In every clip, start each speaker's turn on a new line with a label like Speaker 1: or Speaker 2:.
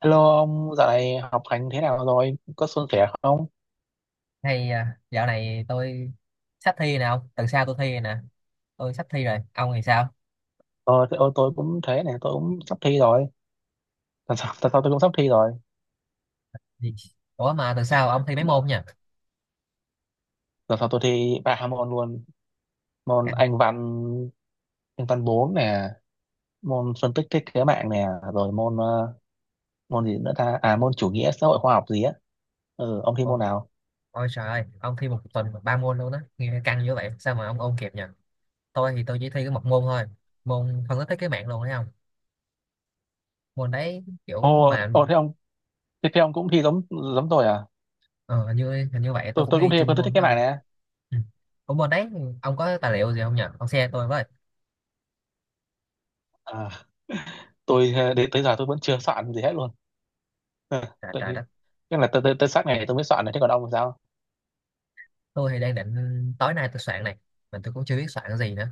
Speaker 1: Hello ông, dạo này học hành thế nào rồi? Có suôn sẻ không?
Speaker 2: Hay à, dạo này tôi sắp thi nè ông, tuần sau tôi thi rồi nè. Tôi sắp thi rồi, ông thì sao?
Speaker 1: Thế, tôi cũng thế này, tôi cũng sắp thi rồi. Tuần sau tôi cũng sắp thi rồi.
Speaker 2: Gì? Ủa mà tuần sau ông thi mấy môn nhỉ?
Speaker 1: Mà- Tuần sau tôi thi ba môn luôn. Môn
Speaker 2: Căng.
Speaker 1: Anh văn 4 nè, môn phân tích thiết kế mạng nè, rồi môn gì nữa ta? À, môn chủ nghĩa xã hội khoa học gì á. Ừ, ông thi
Speaker 2: Ôi,
Speaker 1: môn nào?
Speaker 2: ôi trời ơi, ông thi một tuần ba môn luôn đó nghe, căng như vậy sao mà ông ôn kịp nhỉ? Tôi thì tôi chỉ thi có một môn thôi, môn phân tích thiết kế mạng luôn, thấy không? Môn đấy kiểu
Speaker 1: Ồ,
Speaker 2: mà...
Speaker 1: ồ thế ông, thế, thế ông cũng thi giống giống tôi à?
Speaker 2: ờ, hình như vậy, tôi
Speaker 1: Tôi
Speaker 2: cũng
Speaker 1: tôi cũng
Speaker 2: thi
Speaker 1: thi
Speaker 2: chung
Speaker 1: phân tích thiết
Speaker 2: môn
Speaker 1: kế
Speaker 2: đó
Speaker 1: mạng
Speaker 2: ông.
Speaker 1: nè.
Speaker 2: Ừ. Ủa môn đấy, ông có tài liệu gì không nhỉ, ông share tôi với.
Speaker 1: À, tôi ờ, đến tới giờ tôi vẫn chưa soạn gì hết luôn.
Speaker 2: Trời,
Speaker 1: Tôi
Speaker 2: trời đất.
Speaker 1: nhưng là tới tới tới sát ngày tôi mới soạn này, thế còn ông thì sao?
Speaker 2: Tôi thì đang định tối nay tôi soạn này, mà tôi cũng chưa biết soạn cái gì nữa,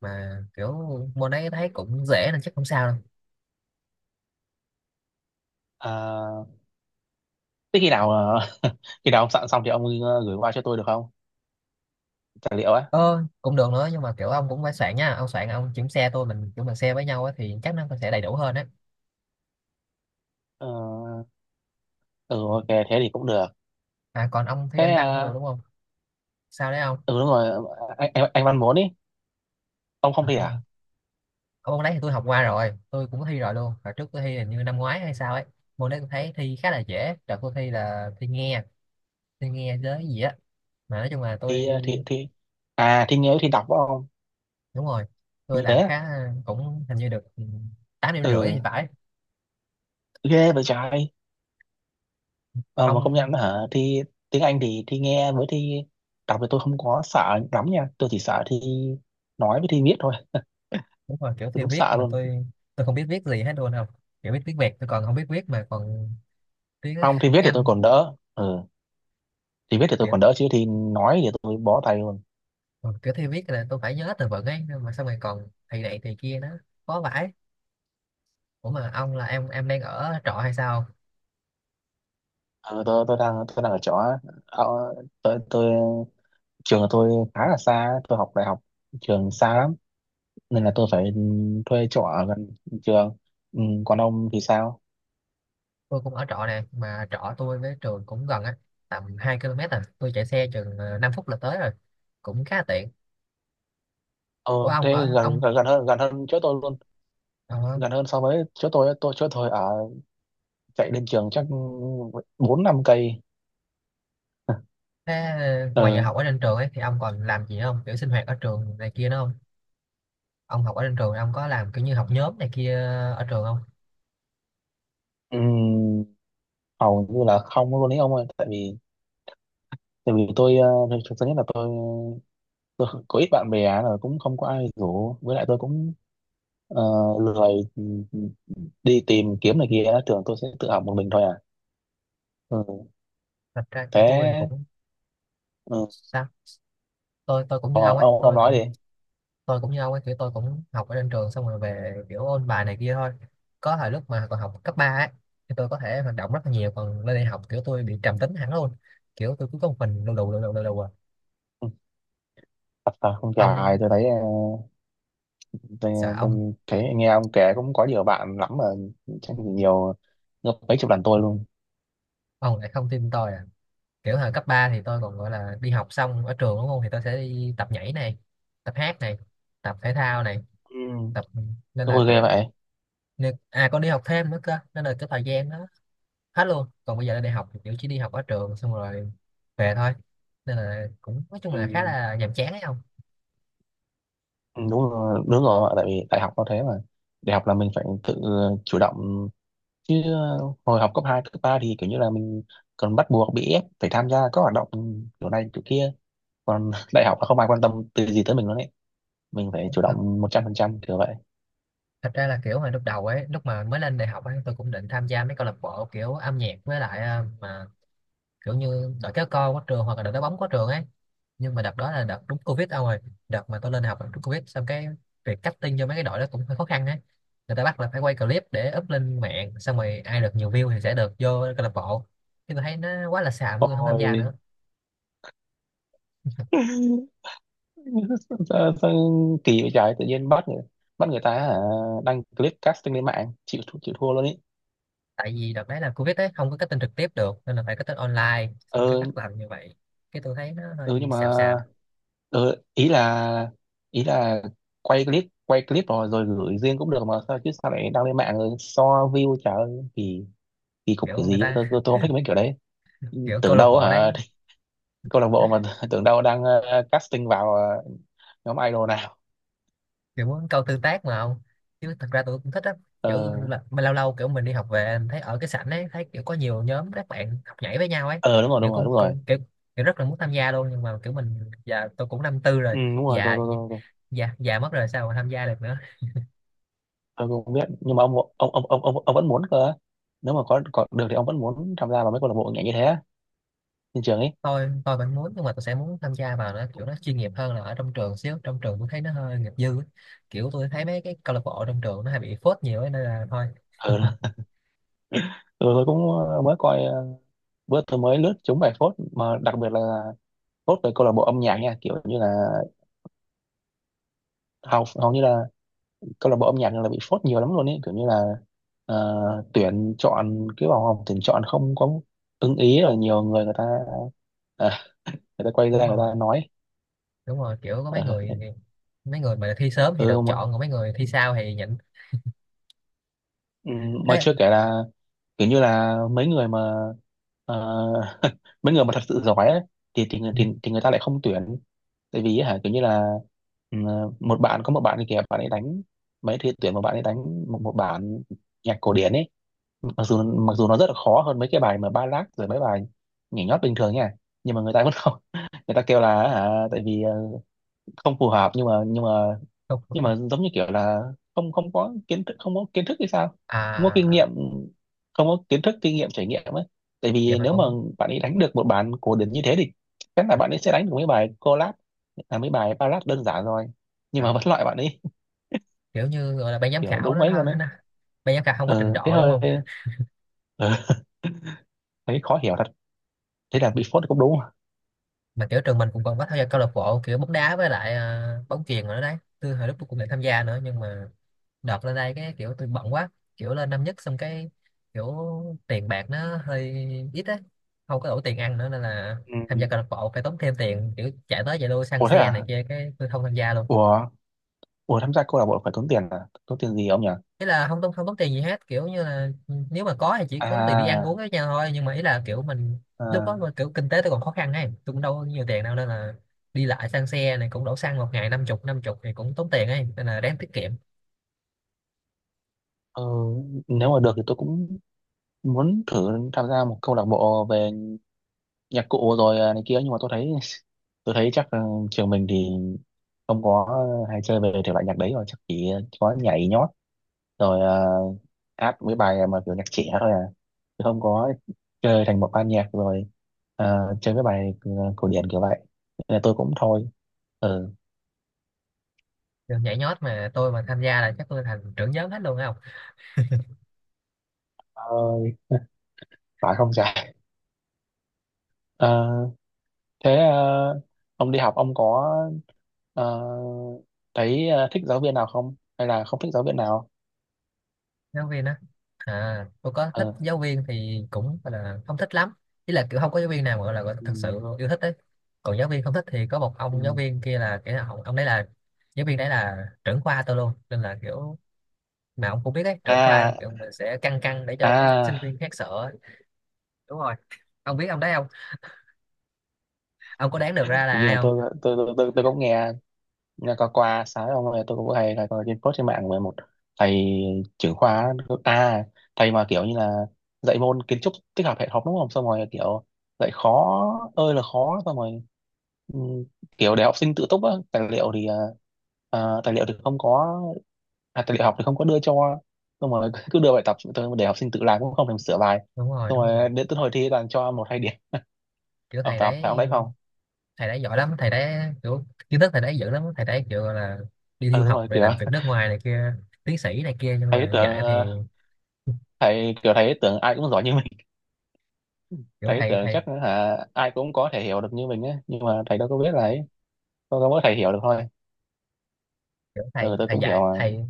Speaker 2: mà kiểu môn đấy thấy cũng dễ nên chắc không sao đâu.
Speaker 1: À, thế khi nào khi nào ông soạn xong thì ông gửi qua cho tôi được không, tài liệu á?
Speaker 2: Ờ Cũng được nữa, nhưng mà kiểu ông cũng phải soạn nha, ông soạn ông chuyển xe tôi, mình chúng mình xe với nhau á thì chắc nó sẽ đầy đủ hơn á.
Speaker 1: Ờ, ừ ok, thế thì cũng được.
Speaker 2: À, còn ông thi anh
Speaker 1: Thế,
Speaker 2: văn nữa được đúng không? Sao đấy ông?
Speaker 1: ừ đúng rồi, anh văn muốn ý, ông
Speaker 2: À,
Speaker 1: không thi
Speaker 2: không rồi.
Speaker 1: à?
Speaker 2: Ông, môn đấy thì tôi học qua rồi, tôi cũng có thi rồi luôn, và trước tôi thi hình như năm ngoái hay sao ấy. Môn đấy tôi thấy thi khá là dễ, đợt tôi thi là thi nghe, thi nghe với gì á, mà nói chung là
Speaker 1: thi ờ,
Speaker 2: tôi...
Speaker 1: thi thi à, thi nếu thi đọc phải không?
Speaker 2: Đúng rồi. Tôi
Speaker 1: Như
Speaker 2: làm
Speaker 1: thế.
Speaker 2: khá, cũng hình như được, ừ, 8 điểm rưỡi
Speaker 1: Ừ,
Speaker 2: thì phải.
Speaker 1: ghê vậy trời. Ờ, mà công
Speaker 2: Ông.
Speaker 1: nhận hả, thi tiếng Anh thì thi nghe với thi đọc thì tôi không có sợ lắm nha, tôi chỉ sợ thi nói với thi viết thôi.
Speaker 2: Đúng rồi, kiểu
Speaker 1: Tôi
Speaker 2: theo
Speaker 1: đúng
Speaker 2: viết
Speaker 1: sợ
Speaker 2: mà
Speaker 1: luôn.
Speaker 2: tôi không biết viết gì hết luôn, không, kiểu biết tiếng Việt tôi còn không biết viết mà còn tiếng
Speaker 1: Không, thi viết
Speaker 2: tiếng
Speaker 1: thì tôi
Speaker 2: Anh.
Speaker 1: còn đỡ. Ừ, thì biết thì tôi
Speaker 2: Kiểu.
Speaker 1: còn đỡ, chứ thì nói thì tôi bó tay luôn.
Speaker 2: Ừ, kiểu theo viết là tôi phải nhớ từ vựng ấy, nhưng mà xong rồi còn thầy này thầy kia nó khó vãi. Ủa mà ông là em đang ở trọ hay sao?
Speaker 1: Ờ, tôi đang ở chỗ. Ờ, tôi Trường của tôi khá là xa, tôi học đại học, trường xa lắm nên là tôi phải thuê chỗ ở gần trường. Ừ, còn ông thì sao?
Speaker 2: Tôi cũng ở trọ nè, mà trọ tôi với trường cũng gần á, tầm 2 km à, tôi chạy xe chừng 5 phút là tới rồi, cũng khá là tiện.
Speaker 1: Ờ,
Speaker 2: Ủa ông
Speaker 1: thế
Speaker 2: ở
Speaker 1: gần
Speaker 2: ông...
Speaker 1: gần gần hơn chỗ tôi luôn,
Speaker 2: ờ,
Speaker 1: gần hơn so với chỗ tôi. Chỗ tôi ở, chạy đến trường chắc bốn năm cây.
Speaker 2: Thế ngoài giờ
Speaker 1: Ờ,
Speaker 2: học ở trên trường ấy thì ông còn làm gì không, kiểu sinh hoạt ở trường này kia nữa? Ông học ở trên trường ông có làm kiểu như học nhóm này kia ở trường không?
Speaker 1: ừm, hầu như là không luôn ấy ông ơi, tại vì tôi ờ, thực thực- thứ nhất là tôi có ít bạn bè, là cũng không có ai rủ, với lại tôi cũng ờ, lười, ừ, ừ, đi tìm kiếm này kia, thường tôi sẽ tự học một mình thôi à. Ừ.
Speaker 2: Thật ra kiểu tôi thì
Speaker 1: Thế.
Speaker 2: cũng...
Speaker 1: Ừ.
Speaker 2: Sao? Tôi cũng
Speaker 1: ờ,
Speaker 2: như ông ấy,
Speaker 1: ông ông
Speaker 2: tôi
Speaker 1: nói
Speaker 2: cũng...
Speaker 1: đi.
Speaker 2: Tôi cũng như ông ấy, kiểu tôi cũng học ở trên trường xong rồi về kiểu ôn bài này kia thôi. Có thời lúc mà còn học cấp 3 ấy thì tôi có thể hoạt động rất là nhiều, còn lên đại học kiểu tôi bị trầm tính hẳn luôn. Kiểu tôi cứ có một mình, lù đù lù đù lù đù à.
Speaker 1: Ừ, thật là không dài
Speaker 2: Ông,
Speaker 1: tôi thấy,
Speaker 2: sợ
Speaker 1: tôi,
Speaker 2: ông.
Speaker 1: tôi thấy nghe ông kể cũng có nhiều bạn lắm mà, chắc nhiều gấp mấy chục lần tôi luôn.
Speaker 2: Ông lại không tin tôi à? Kiểu hồi cấp 3 thì tôi còn gọi là đi học xong ở trường đúng không, thì tôi sẽ đi tập nhảy này, tập hát này, tập thể thao này,
Speaker 1: Ừ,
Speaker 2: tập... Nên là
Speaker 1: tôi ghê
Speaker 2: kiểu...
Speaker 1: vậy.
Speaker 2: Nè, à con đi học thêm nữa cơ, nên là cái thời gian đó hết luôn, còn bây giờ là đi học thì kiểu chỉ đi học ở trường xong rồi về thôi, nên là cũng nói chung
Speaker 1: Ừ.
Speaker 2: là khá là nhàm chán ấy không.
Speaker 1: Ừ, đúng rồi, đúng rồi, tại vì đại học nó thế mà, đại học là mình phải tự chủ động chứ. Ờ, Hồi học cấp 2 cấp 3 thì kiểu như là mình còn bắt buộc bị ép phải tham gia các hoạt động kiểu này kiểu kia, còn đại học là không ai quan tâm từ gì tới mình luôn ấy, mình phải chủ
Speaker 2: Thật
Speaker 1: động 100% kiểu vậy.
Speaker 2: thật ra là kiểu hồi lúc đầu ấy, lúc mà mới lên đại học ấy, tôi cũng định tham gia mấy câu lạc bộ kiểu âm nhạc với lại, mà kiểu như đợt kéo co quá trường hoặc là đợt đá bóng quá trường ấy, nhưng mà đợt đó là đợt đúng covid đâu rồi, đợt mà tôi lên học là đúng covid, xong cái việc cutting cho mấy cái đội đó cũng hơi khó khăn ấy. Người ta bắt là phải quay clip để up lên mạng, xong rồi ai được nhiều view thì sẽ được vô câu lạc bộ. Nhưng tôi thấy nó quá là xàm, mọi người không tham
Speaker 1: Ôi,
Speaker 2: gia nữa.
Speaker 1: sao, sao kỳ vậy trời, tự nhiên bắt người ta hả, đăng clip casting lên mạng, chịu thua luôn ấy.
Speaker 2: Tại vì đợt đấy là covid ấy không có cutting trực tiếp được nên là phải cutting online, xong cái
Speaker 1: Ờ,
Speaker 2: bắt làm như vậy, cái tôi thấy nó
Speaker 1: ừ,
Speaker 2: hơi
Speaker 1: nhưng mà
Speaker 2: xàm xàm.
Speaker 1: ờ, ý là ý là quay clip rồi rồi gửi riêng cũng được mà, sao chứ sao lại đăng lên mạng rồi so view, trời ơi, kỳ, kỳ cục cái
Speaker 2: Kiểu người
Speaker 1: gì ấy. tôi,
Speaker 2: ta
Speaker 1: tôi, tôi không thích mấy kiểu đấy,
Speaker 2: kiểu câu
Speaker 1: tưởng
Speaker 2: lạc
Speaker 1: đâu
Speaker 2: bộ đấy
Speaker 1: hả, câu lạc bộ mà tưởng đâu đang casting vào nhóm idol nào.
Speaker 2: kiểu muốn câu tương tác mà không... Chứ thật ra tôi cũng thích á, kiểu
Speaker 1: ờ
Speaker 2: là mà lâu lâu kiểu mình đi học về mình thấy ở cái sảnh ấy, thấy kiểu có nhiều nhóm các bạn học nhảy với nhau ấy.
Speaker 1: ờ đúng rồi,
Speaker 2: Kiểu
Speaker 1: đúng rồi,
Speaker 2: cũng,
Speaker 1: đúng rồi.
Speaker 2: cũng kiểu, kiểu rất là muốn tham gia luôn, nhưng mà kiểu mình giờ tôi cũng năm 4 rồi,
Speaker 1: Ừ, đúng rồi, tôi
Speaker 2: già
Speaker 1: tôi tôi tôi,
Speaker 2: già già mất rồi, sao mà tham gia được nữa.
Speaker 1: tôi cũng không biết, nhưng mà ông vẫn muốn cơ. Nếu mà có được thì ông vẫn muốn tham gia vào mấy câu lạc bộ nhảy như thế á, trên trường ấy?
Speaker 2: Tôi vẫn muốn, nhưng mà tôi sẽ muốn tham gia vào nó kiểu nó chuyên nghiệp hơn là ở trong trường xíu, trong trường tôi thấy nó hơi nghiệp dư ấy. Kiểu tôi thấy mấy cái câu lạc bộ trong trường nó hay bị phốt nhiều ấy, nên là thôi.
Speaker 1: Ừ. Ừ, tôi cũng mới coi bữa tôi mới lướt trúng bài phốt, mà đặc biệt là phốt về câu lạc bộ âm nhạc nha, kiểu như là hầu hầu như là câu lạc bộ âm nhạc là bị phốt nhiều lắm luôn ấy, kiểu như là tuyển chọn cái vòng họp tuyển chọn không có ưng ý rồi nhiều người, người ta à, người ta quay
Speaker 2: Đúng
Speaker 1: ra người ta
Speaker 2: rồi,
Speaker 1: nói.
Speaker 2: đúng rồi, kiểu có mấy
Speaker 1: Ờ,
Speaker 2: người, mấy người mà thi sớm thì được
Speaker 1: ừ, mà
Speaker 2: chọn, còn mấy người thi sau thì nhịn.
Speaker 1: ừ, mà
Speaker 2: Thế.
Speaker 1: chưa kể là kiểu như là mấy người mà ờ, mấy người mà thật sự giỏi ấy, thì, thì người-
Speaker 2: Ừ,
Speaker 1: thì thì người ta lại không tuyển, tại vì hả kiểu như là ừ, một bạn, có một bạn thì kìa bạn ấy đánh mấy thì tuyển, một bạn ấy đánh một bản nhạc cổ điển ấy, mặc dù nó rất là khó hơn mấy cái bài mà ballad rồi mấy bài nhảy nhót bình thường nha, nhưng mà người ta vẫn không, người ta kêu là hả, tại vì không phù hợp, nhưng mà
Speaker 2: không
Speaker 1: giống như kiểu là không, không có kiến thức hay sao, không có kinh
Speaker 2: à.
Speaker 1: nghiệm, không có kiến thức kinh nghiệm trải nghiệm ấy, tại
Speaker 2: Vậy
Speaker 1: vì
Speaker 2: mà
Speaker 1: nếu mà
Speaker 2: cũng...
Speaker 1: bạn ấy đánh được một bản cổ điển như thế thì chắc là bạn ấy sẽ đánh được mấy bài collab, là mấy bài ballad đơn giản rồi, nhưng
Speaker 2: À,
Speaker 1: mà vẫn loại bạn ấy.
Speaker 2: kiểu như gọi là ban giám
Speaker 1: Kiểu
Speaker 2: khảo
Speaker 1: đúng
Speaker 2: đó
Speaker 1: mấy luôn
Speaker 2: ha,
Speaker 1: ấy,
Speaker 2: nó, ban giám khảo không có trình
Speaker 1: ừ thế
Speaker 2: độ đúng
Speaker 1: hơi,
Speaker 2: không?
Speaker 1: ừ, thấy khó hiểu thật, thế là bị phốt cũng đúng.
Speaker 2: Mà kiểu trường mình cũng còn có tham gia câu lạc bộ kiểu bóng đá với lại à, bóng chuyền rồi đó đấy, tôi hồi lúc tôi cũng định tham gia nữa, nhưng mà đợt lên đây cái kiểu tôi bận quá, kiểu lên năm 1 xong cái kiểu tiền bạc nó hơi ít á, không có đủ tiền ăn nữa nên là
Speaker 1: Ừ.
Speaker 2: tham gia câu lạc bộ phải tốn thêm tiền, kiểu chạy tới chạy lui xăng
Speaker 1: Ủa thế
Speaker 2: xe này
Speaker 1: à?
Speaker 2: kia, cái tôi không tham gia luôn.
Speaker 1: Ủa, ủa, tham gia câu lạc bộ phải tốn tiền à? Tốn tiền gì ông nhỉ?
Speaker 2: Ý là không tốn tiền gì hết kiểu như là nếu mà có thì chỉ có tốn tiền đi ăn
Speaker 1: À,
Speaker 2: uống với nhau thôi, nhưng mà ý là kiểu mình lúc đó
Speaker 1: à,
Speaker 2: mà kiểu kinh tế tôi còn khó khăn ấy, tôi cũng đâu có nhiều tiền đâu nên là đi lại xăng xe này cũng đổ xăng một ngày 50 chục, năm chục thì cũng tốn tiền ấy, nên là đáng tiết kiệm.
Speaker 1: ừ, nếu mà được thì tôi cũng muốn thử tham gia một câu lạc bộ về nhạc cụ rồi à, này kia, nhưng mà tôi thấy tôi thấy chắc ừ, trường mình thì không có hay chơi về thể loại nhạc đấy rồi, chắc chỉ có nhảy nhót rồi à, hát mấy bài mà kiểu nhạc trẻ thôi à, chứ không có chơi thành một ban nhạc rồi à, chơi cái bài ừ, cổ điển kiểu vậy, nên là tôi cũng thôi. Ừ.
Speaker 2: Rồi nhảy nhót mà tôi mà tham gia là chắc tôi thành trưởng nhóm hết luôn á. Không.
Speaker 1: Ơi. Phải không trời? Ờ, thế ông đi học ông có ờ, thấy thích giáo viên nào không? Hay là không thích giáo viên nào?
Speaker 2: Giáo viên á? À, tôi có thích
Speaker 1: Ờ.
Speaker 2: giáo viên thì cũng gọi là không thích lắm. Ý là kiểu không có giáo viên nào mà gọi là
Speaker 1: Ừ.
Speaker 2: thật sự yêu thích đấy. Còn giáo viên không thích thì có một
Speaker 1: Ừ.
Speaker 2: ông giáo viên kia là cái ông đấy là giáo viên đấy là trưởng khoa tôi luôn, nên là kiểu mà ông cũng biết đấy, trưởng khoa
Speaker 1: À,
Speaker 2: kiểu mình sẽ căng căng để cho mấy sinh
Speaker 1: à,
Speaker 2: viên khác sợ ấy. Đúng rồi. Ông biết ông đấy không? Ông có đoán được ra là
Speaker 1: hình như
Speaker 2: ai
Speaker 1: là
Speaker 2: không?
Speaker 1: tôi cũng nghe, nghe có qua sáng ông ơi, tôi cũng hay là coi trên post trên mạng về một thầy trưởng khoa, à thầy mà kiểu như là dạy môn kiến trúc tích hợp hệ thống đúng không, xong rồi kiểu dạy khó ơi là khó, xong rồi ừ, kiểu để học sinh tự túc á, tài liệu thì tài liệu thì không có, à, tài liệu học thì không có đưa cho, xong rồi cứ đưa bài tập tôi để học sinh tự làm cũng không thèm sửa bài,
Speaker 2: Đúng rồi,
Speaker 1: xong
Speaker 2: đúng
Speaker 1: rồi
Speaker 2: rồi,
Speaker 1: đến tới hồi thi toàn cho một hai điểm,
Speaker 2: kiểu
Speaker 1: ông
Speaker 2: thầy
Speaker 1: phải
Speaker 2: đấy,
Speaker 1: ông đấy không?
Speaker 2: thầy đấy giỏi lắm, thầy đấy kiểu kiến thức thầy đấy dữ lắm, thầy đấy kiểu gọi là đi du
Speaker 1: Ừ đúng
Speaker 2: học
Speaker 1: rồi
Speaker 2: rồi
Speaker 1: kiểu,
Speaker 2: làm việc nước ngoài này kia, tiến sĩ này kia, nhưng
Speaker 1: thấy
Speaker 2: mà
Speaker 1: tưởng
Speaker 2: dạy thì
Speaker 1: thầy, kiểu thấy tưởng ai cũng giỏi như
Speaker 2: kiểu
Speaker 1: thầy,
Speaker 2: thầy
Speaker 1: tưởng
Speaker 2: thầy
Speaker 1: chắc hả ai cũng có thể hiểu được như mình á, nhưng mà thầy đâu có biết là ấy, có mỗi thầy hiểu được thôi.
Speaker 2: kiểu
Speaker 1: Ừ,
Speaker 2: thầy
Speaker 1: tôi
Speaker 2: thầy
Speaker 1: cũng hiểu
Speaker 2: dạy
Speaker 1: mà.
Speaker 2: thầy,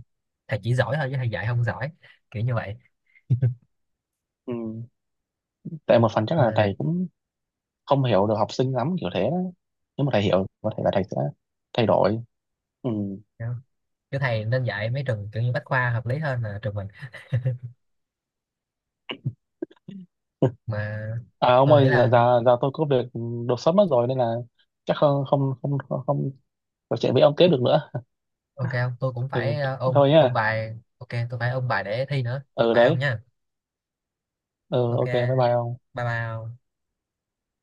Speaker 2: thầy chỉ giỏi thôi chứ thầy dạy không giỏi, kiểu như vậy.
Speaker 1: Ừ, tại một phần chắc là
Speaker 2: Mà
Speaker 1: thầy cũng không hiểu được học sinh lắm, kiểu thế đó. Nếu mà thầy hiểu có thể là thầy sẽ thay đổi. Ừ.
Speaker 2: kiểu, kiểu thầy nên dạy mấy trường kiểu như bách khoa hợp lý hơn là trường mình. Mà
Speaker 1: À ông
Speaker 2: tôi nghĩ
Speaker 1: ơi, giờ,
Speaker 2: là...
Speaker 1: giờ, giờ tôi có việc đột xuất mất rồi, nên là chắc không không không không, không trò chuyện với ông tiếp được nữa.
Speaker 2: Ok, không tôi cũng phải
Speaker 1: Ừ,
Speaker 2: ôn
Speaker 1: thôi
Speaker 2: ôn
Speaker 1: nhá.
Speaker 2: bài, ok tôi phải ôn bài để thi nữa.
Speaker 1: Ừ
Speaker 2: Bye ông
Speaker 1: đấy.
Speaker 2: nha.
Speaker 1: Ừ
Speaker 2: Ok,
Speaker 1: ok, bye bye ông.
Speaker 2: bye bye ông.